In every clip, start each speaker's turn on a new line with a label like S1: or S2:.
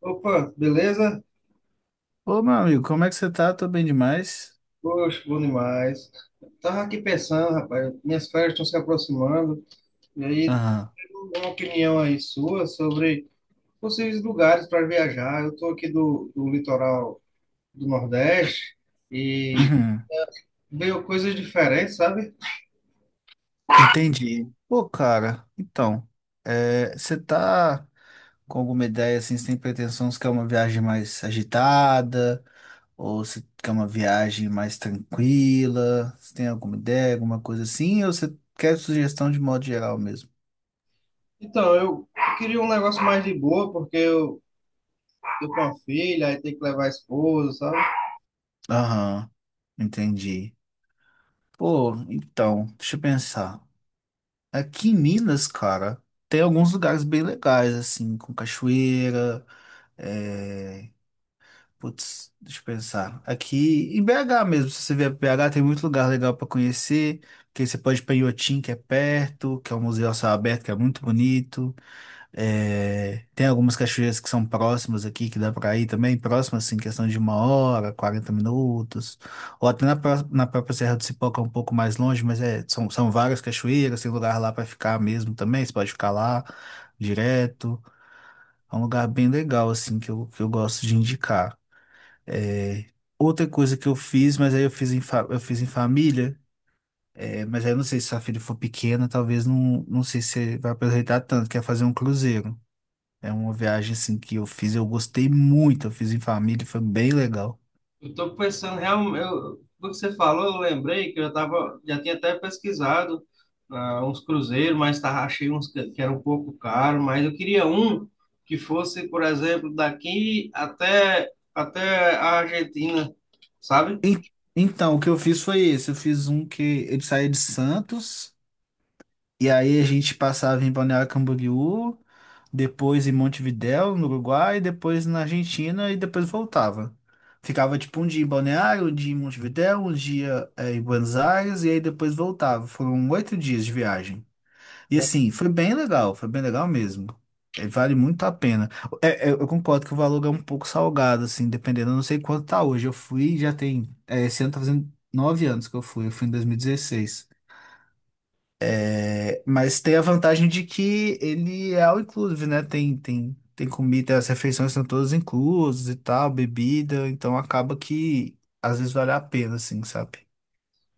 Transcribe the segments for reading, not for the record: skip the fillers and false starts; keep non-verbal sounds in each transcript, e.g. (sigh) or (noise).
S1: Opa, beleza?
S2: Ô, meu amigo, como é que você tá? Tô bem demais.
S1: Poxa, bom demais. Tava aqui pensando, rapaz, minhas férias estão se aproximando, e aí
S2: Aham.
S1: tem uma opinião aí sua sobre possíveis lugares para viajar. Eu tô aqui do litoral do Nordeste e
S2: Uhum.
S1: veio coisas diferentes, sabe?
S2: Entendi. Pô, cara, então, é, você tá com alguma ideia, assim, você tem pretensão, você quer uma viagem mais agitada? Ou você quer uma viagem mais tranquila? Você tem alguma ideia, alguma coisa assim? Ou você quer sugestão de modo geral mesmo?
S1: Então, eu queria um negócio mais de boa, porque eu tô com uma filha, aí tem que levar a esposa, sabe?
S2: Aham, entendi. Pô, então, deixa eu pensar. Aqui em Minas, cara, tem alguns lugares bem legais, assim, com cachoeira. É, putz, deixa eu pensar. Aqui em BH mesmo, se você vier para BH, tem muito lugar legal para conhecer. Porque você pode ir para Inhotim, que é perto, que é um museu a céu aberto, que é muito bonito. É, tem algumas cachoeiras que são próximas aqui, que dá para ir também, próximas, assim, questão de uma hora, 40 minutos. Ou até na própria Serra do Cipó, que é um pouco mais longe, mas é, são várias cachoeiras, tem lugar lá para ficar mesmo também, você pode ficar lá direto. É um lugar bem legal, assim, que eu gosto de indicar. É, outra coisa que eu fiz, mas aí eu fiz em família, é, mas aí eu não sei se sua filha for pequena, talvez não, não sei se você vai aproveitar tanto, que é fazer um cruzeiro. É uma viagem, assim, que eu fiz, eu gostei muito, eu fiz em família, foi bem legal.
S1: Eu estou pensando, realmente, eu, do que você falou, eu lembrei que eu já tava, já tinha até pesquisado uns cruzeiros, mas tava, achei uns que eram um pouco caro, mas eu queria um que fosse, por exemplo, até a Argentina, sabe?
S2: E- então, o que eu fiz foi esse, eu fiz um que ele saía de Santos, e aí a gente passava em Balneário Camboriú, depois em Montevidéu, no Uruguai, depois na Argentina e depois voltava. Ficava tipo um dia em Balneário, um dia em Montevidéu, um dia em Buenos Aires e aí depois voltava. Foram 8 dias de viagem. E assim, foi bem legal mesmo. Vale muito a pena. É, eu concordo que o valor é um pouco salgado, assim, dependendo, eu não sei quanto tá hoje. Eu fui, já tem, esse ano tá fazendo 9 anos que eu fui em 2016. É, mas tem a vantagem de que ele é all inclusive, né? Tem comida, as refeições são todas inclusas e tal, bebida, então acaba que às vezes vale a pena, assim, sabe?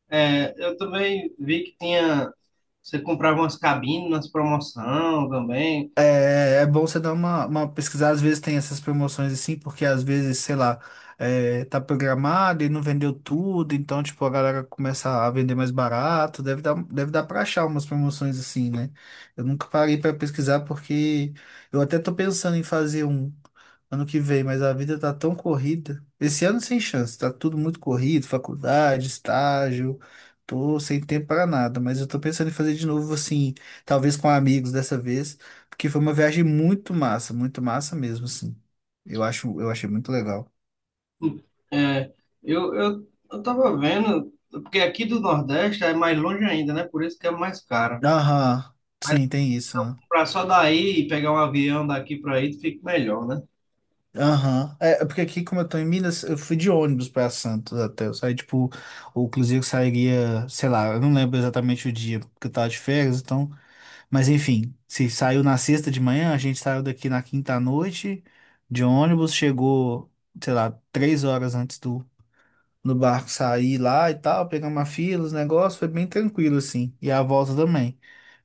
S1: É, eu também vi que tinha, você comprava umas cabines nas promoção também.
S2: É, é bom você dar uma pesquisada, às vezes tem essas promoções assim, porque às vezes, sei lá, é, tá programado e não vendeu tudo, então, tipo, a galera começa a vender mais barato, deve dar pra achar umas promoções assim, né? Eu nunca parei pra pesquisar porque eu até tô pensando em fazer um ano que vem, mas a vida tá tão corrida. Esse ano sem chance, tá tudo muito corrido, faculdade, estágio. Tô sem tempo para nada, mas eu tô pensando em fazer de novo assim, talvez com amigos dessa vez, porque foi uma viagem muito massa mesmo, assim. Eu acho, eu achei muito legal.
S1: É, eu tava vendo, porque aqui do Nordeste é mais longe ainda, né? Por isso que é mais caro.
S2: Aham, sim, tem
S1: Se
S2: isso,
S1: eu
S2: né?
S1: comprar só daí e pegar um avião daqui para aí, fica melhor, né?
S2: Aham. É, é porque aqui, como eu tô em Minas, eu fui de ônibus pra Santos até. Eu saí, tipo, ou inclusive eu sairia, sei lá, eu não lembro exatamente o dia, porque eu tava de férias, então. Mas enfim, se saiu na sexta de manhã, a gente saiu daqui na quinta à noite de ônibus, chegou, sei lá, 3 horas antes do no barco sair lá e tal, pegamos uma fila, os negócios, foi bem tranquilo assim. E a volta também.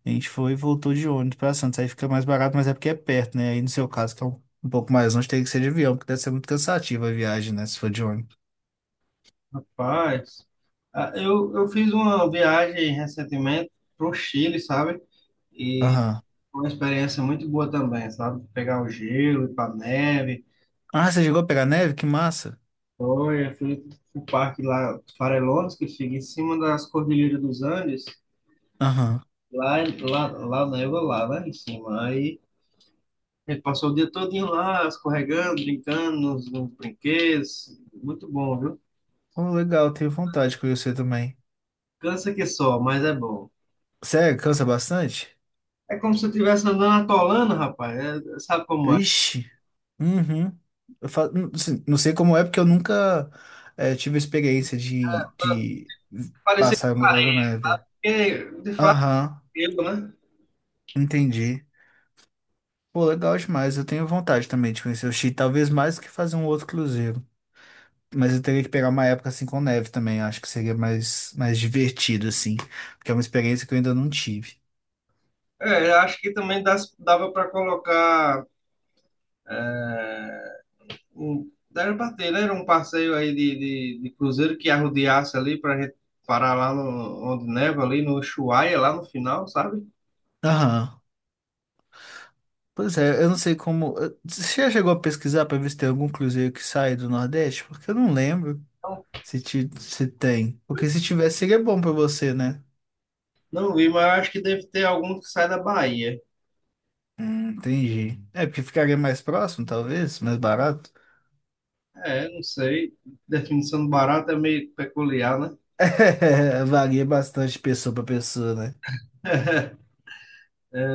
S2: A gente foi e voltou de ônibus pra Santos, aí fica mais barato, mas é porque é perto, né? Aí no seu caso, que é um pouco mais longe, tem que ser de avião, porque deve ser muito cansativa a viagem, né? Se for de ônibus.
S1: Rapaz, eu fiz uma viagem recentemente pro Chile, sabe? E
S2: Aham.
S1: foi uma experiência muito boa também, sabe? Pegar o gelo, ir pra neve.
S2: Ah, você chegou a pegar neve? Que massa.
S1: Foi, eu fui pro parque lá, Farellones, que fica em cima das Cordilheiras dos Andes.
S2: Aham.
S1: Lá neva lá, lá em cima. Aí a gente passou o dia todinho lá, escorregando, brincando nos brinquedos. Muito bom, viu?
S2: Oh, legal, tenho vontade de conhecer também.
S1: Cansa que só, mas é bom.
S2: Sério, cansa bastante?
S1: É como se eu estivesse andando atolando, rapaz. Sabe como é?
S2: Ixi. Uhum. Não assim, não sei como é, porque eu nunca tive experiência de
S1: Parecia
S2: passar
S1: com
S2: no Lago
S1: areia.
S2: Neve.
S1: Porque, de fato,
S2: Aham,
S1: eu, né?
S2: entendi. Pô, legal demais. Eu tenho vontade também de conhecer o Chile, talvez mais que fazer um outro cruzeiro. Mas eu teria que pegar uma época assim com neve também. Acho que seria mais divertido, assim. Porque é uma experiência que eu ainda não tive.
S1: É, eu acho que também dava para colocar é, dava para ter, né? Era um passeio aí de cruzeiro que arrodeasse ali para gente parar lá no, onde neva, ali no Ushuaia, lá no final, sabe?
S2: Aham. Pois é, eu não sei como. Você já chegou a pesquisar para ver se tem algum cruzeiro que sai do Nordeste? Porque eu não lembro.
S1: Não,
S2: Se tem. Porque se tivesse, seria bom pra você, né?
S1: não vi, mas eu acho que deve ter algum que sai da Bahia.
S2: Entendi. É, porque ficaria mais próximo, talvez, mais barato. (laughs)
S1: É, não sei. Definição do barato é meio peculiar, né?
S2: É, varia bastante de pessoa pra pessoa, né?
S1: (laughs)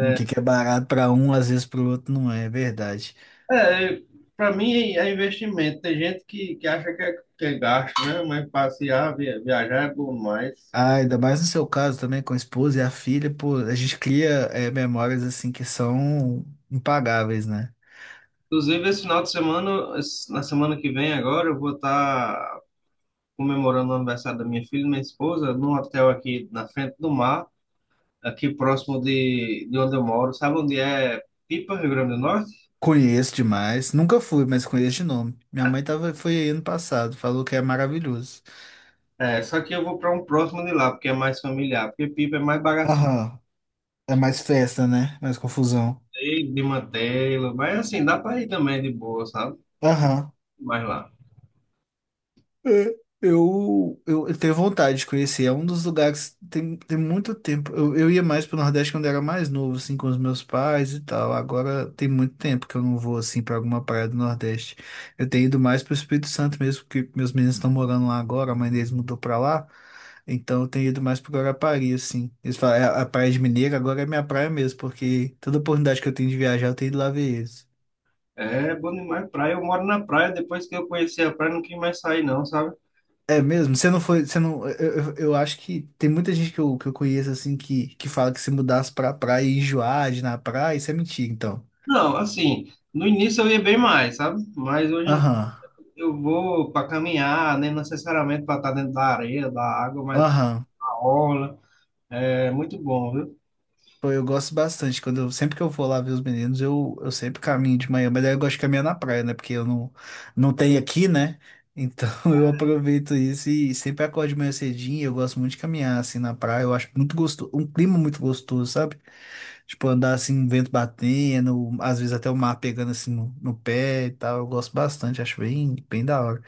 S2: O que que é barato pra um, às vezes pro outro não é, é verdade.
S1: É, para mim é investimento. Tem gente que acha que que é gasto, né? Mas passear, viajar é bom mais.
S2: Ah, ainda mais no seu caso também, com a esposa e a filha, pô, a gente cria memórias assim que são impagáveis, né?
S1: Inclusive, esse final de semana, na semana que vem agora, eu vou estar comemorando o aniversário da minha filha e minha esposa num hotel aqui na frente do mar, aqui próximo de onde eu moro. Sabe onde é Pipa, Rio Grande do Norte?
S2: Conheço demais, nunca fui, mas conheço de nome. Minha mãe tava, foi aí ano passado, falou que é maravilhoso.
S1: É, só que eu vou para um próximo de lá, porque é mais familiar, porque Pipa é mais bagaceiro
S2: Aham. É mais festa, né? Mais confusão.
S1: de mantê-lo, mas assim, dá para ir também de boa, sabe?
S2: Aham.
S1: Mas lá.
S2: É, eu tenho vontade de conhecer. É um dos lugares que tem muito tempo. Eu ia mais pro Nordeste quando era mais novo, assim, com os meus pais e tal. Agora tem muito tempo que eu não vou, assim, pra alguma praia do Nordeste. Eu tenho ido mais pro Espírito Santo mesmo, porque meus meninos estão morando lá agora, a mãe deles mudou pra lá. Então eu tenho ido mais pro Guarapari, assim. Eles falam, "É, a Praia de Mineiro agora é minha praia mesmo, porque toda oportunidade que eu tenho de viajar, eu tenho ido lá ver eles."
S1: É bom demais praia. Eu moro na praia, depois que eu conheci a praia, não quis mais sair, não, sabe?
S2: É mesmo? Você não foi. Você não, eu acho que tem muita gente que eu conheço assim que fala que se mudasse pra praia e enjoar de ir na praia, isso é mentira, então.
S1: Não, assim, no início eu ia bem mais, sabe? Mas hoje em dia
S2: Aham.
S1: eu vou para caminhar, nem necessariamente para estar dentro da areia, da água, mas
S2: Aham.
S1: na orla. É muito bom, viu?
S2: Pô, eu gosto bastante. Sempre que eu vou lá ver os meninos, eu sempre caminho de manhã, mas aí eu gosto de caminhar na praia, né? Porque eu não tenho aqui, né? Então (laughs) eu aproveito isso e sempre acordo de manhã cedinho. Eu gosto muito de caminhar assim na praia. Eu acho muito gostoso, um clima muito gostoso, sabe? Tipo, andar assim, um vento batendo, às vezes até o mar pegando assim no pé e tal. Eu gosto bastante, acho bem, bem da hora.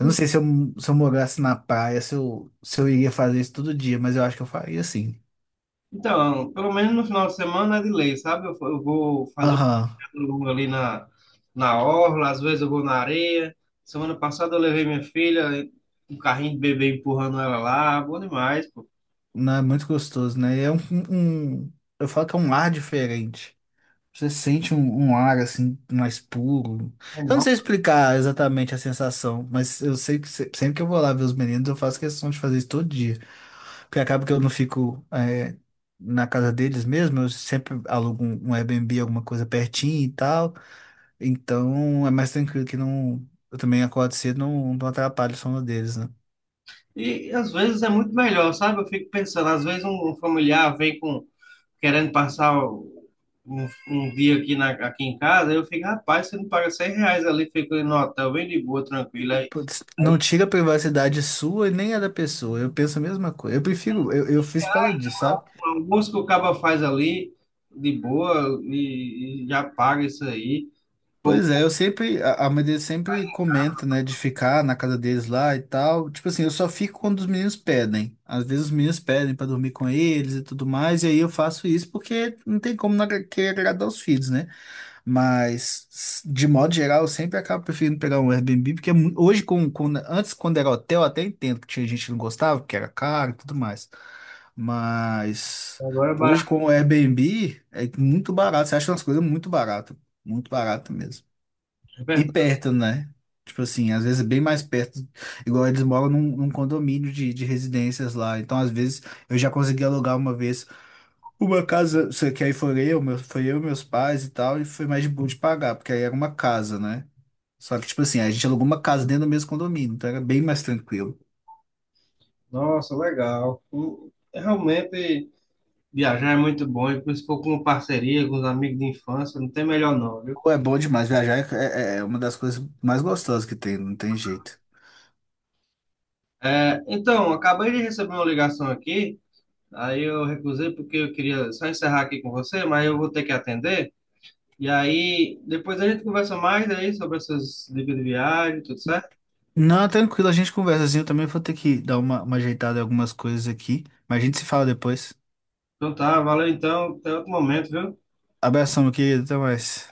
S2: Eu não sei se eu, se eu morasse na praia, se eu iria fazer isso todo dia, mas eu acho que eu faria assim.
S1: Então, pelo menos no final de semana é de lei, sabe? Eu vou fazer um
S2: Aham.
S1: caminho longo na orla, às vezes eu vou na areia. Semana passada eu levei minha filha, um carrinho de bebê empurrando ela lá, bom demais, pô.
S2: Não, é muito gostoso, né? Um- eu falo que é um ar diferente. Você sente um ar assim mais puro. Eu não sei explicar exatamente a sensação, mas eu sei que sempre que eu vou lá ver os meninos, eu faço questão de fazer isso todo dia. Porque acaba que eu não fico na casa deles mesmo, eu sempre alugo um Airbnb, alguma coisa pertinho e tal. Então é mais tranquilo que não. Eu também acordo cedo, não atrapalho o sono deles, né?
S1: E às vezes é muito melhor, sabe? Eu fico pensando, às vezes um familiar vem com querendo passar um dia aqui, aqui em casa, eu fico, rapaz, você não paga 100 reais ali, fica no hotel, bem de boa, tranquilo. Aí,
S2: Putz, não
S1: aí
S2: tira a privacidade sua e nem a da pessoa. Eu penso a mesma coisa. Eu prefiro, eu fiz por causa disso, sabe?
S1: o almoço que o cabo faz ali, de boa, e já paga isso aí. Como
S2: Pois é, eu sempre, a mãe deles sempre comenta, né, de ficar na casa deles lá e tal. Tipo assim, eu só fico quando os meninos pedem. Às vezes os meninos pedem pra dormir com eles e tudo mais, e aí eu faço isso porque não tem como não querer agradar os filhos, né? Mas, de modo geral, eu sempre acabo preferindo pegar um Airbnb, porque hoje, antes, quando era hotel, eu até entendo que tinha gente que não gostava, porque era caro e tudo mais. Mas,
S1: agora é
S2: hoje,
S1: barato,
S2: com o Airbnb, é muito barato. Você acha umas coisas muito barato mesmo.
S1: é
S2: E
S1: verdade.
S2: perto, né? Tipo assim, às vezes é bem mais perto. Igual eles moram num condomínio de residências lá. Então, às vezes, eu já consegui alugar uma vez. Uma casa, isso que aí foi eu, meus pais e tal, e foi mais de boa de pagar, porque aí era uma casa, né? Só que, tipo assim, a gente alugou uma casa dentro do mesmo condomínio, então era bem mais tranquilo.
S1: Nossa, legal. Realmente viajar é muito bom, e se for com parceria, com os amigos de infância, não tem melhor não, viu?
S2: Pô, é bom demais, viajar é uma das coisas mais gostosas que tem, não tem jeito.
S1: É, então, acabei de receber uma ligação aqui, aí eu recusei porque eu queria só encerrar aqui com você, mas eu vou ter que atender. E aí, depois a gente conversa mais aí sobre essas dicas de viagem, tudo certo?
S2: Não, tranquilo, a gente conversa assim, eu também vou ter que dar uma ajeitada em algumas coisas aqui, mas a gente se fala depois.
S1: Então tá, valeu então, até outro momento, viu?
S2: Abração, meu querido, até mais.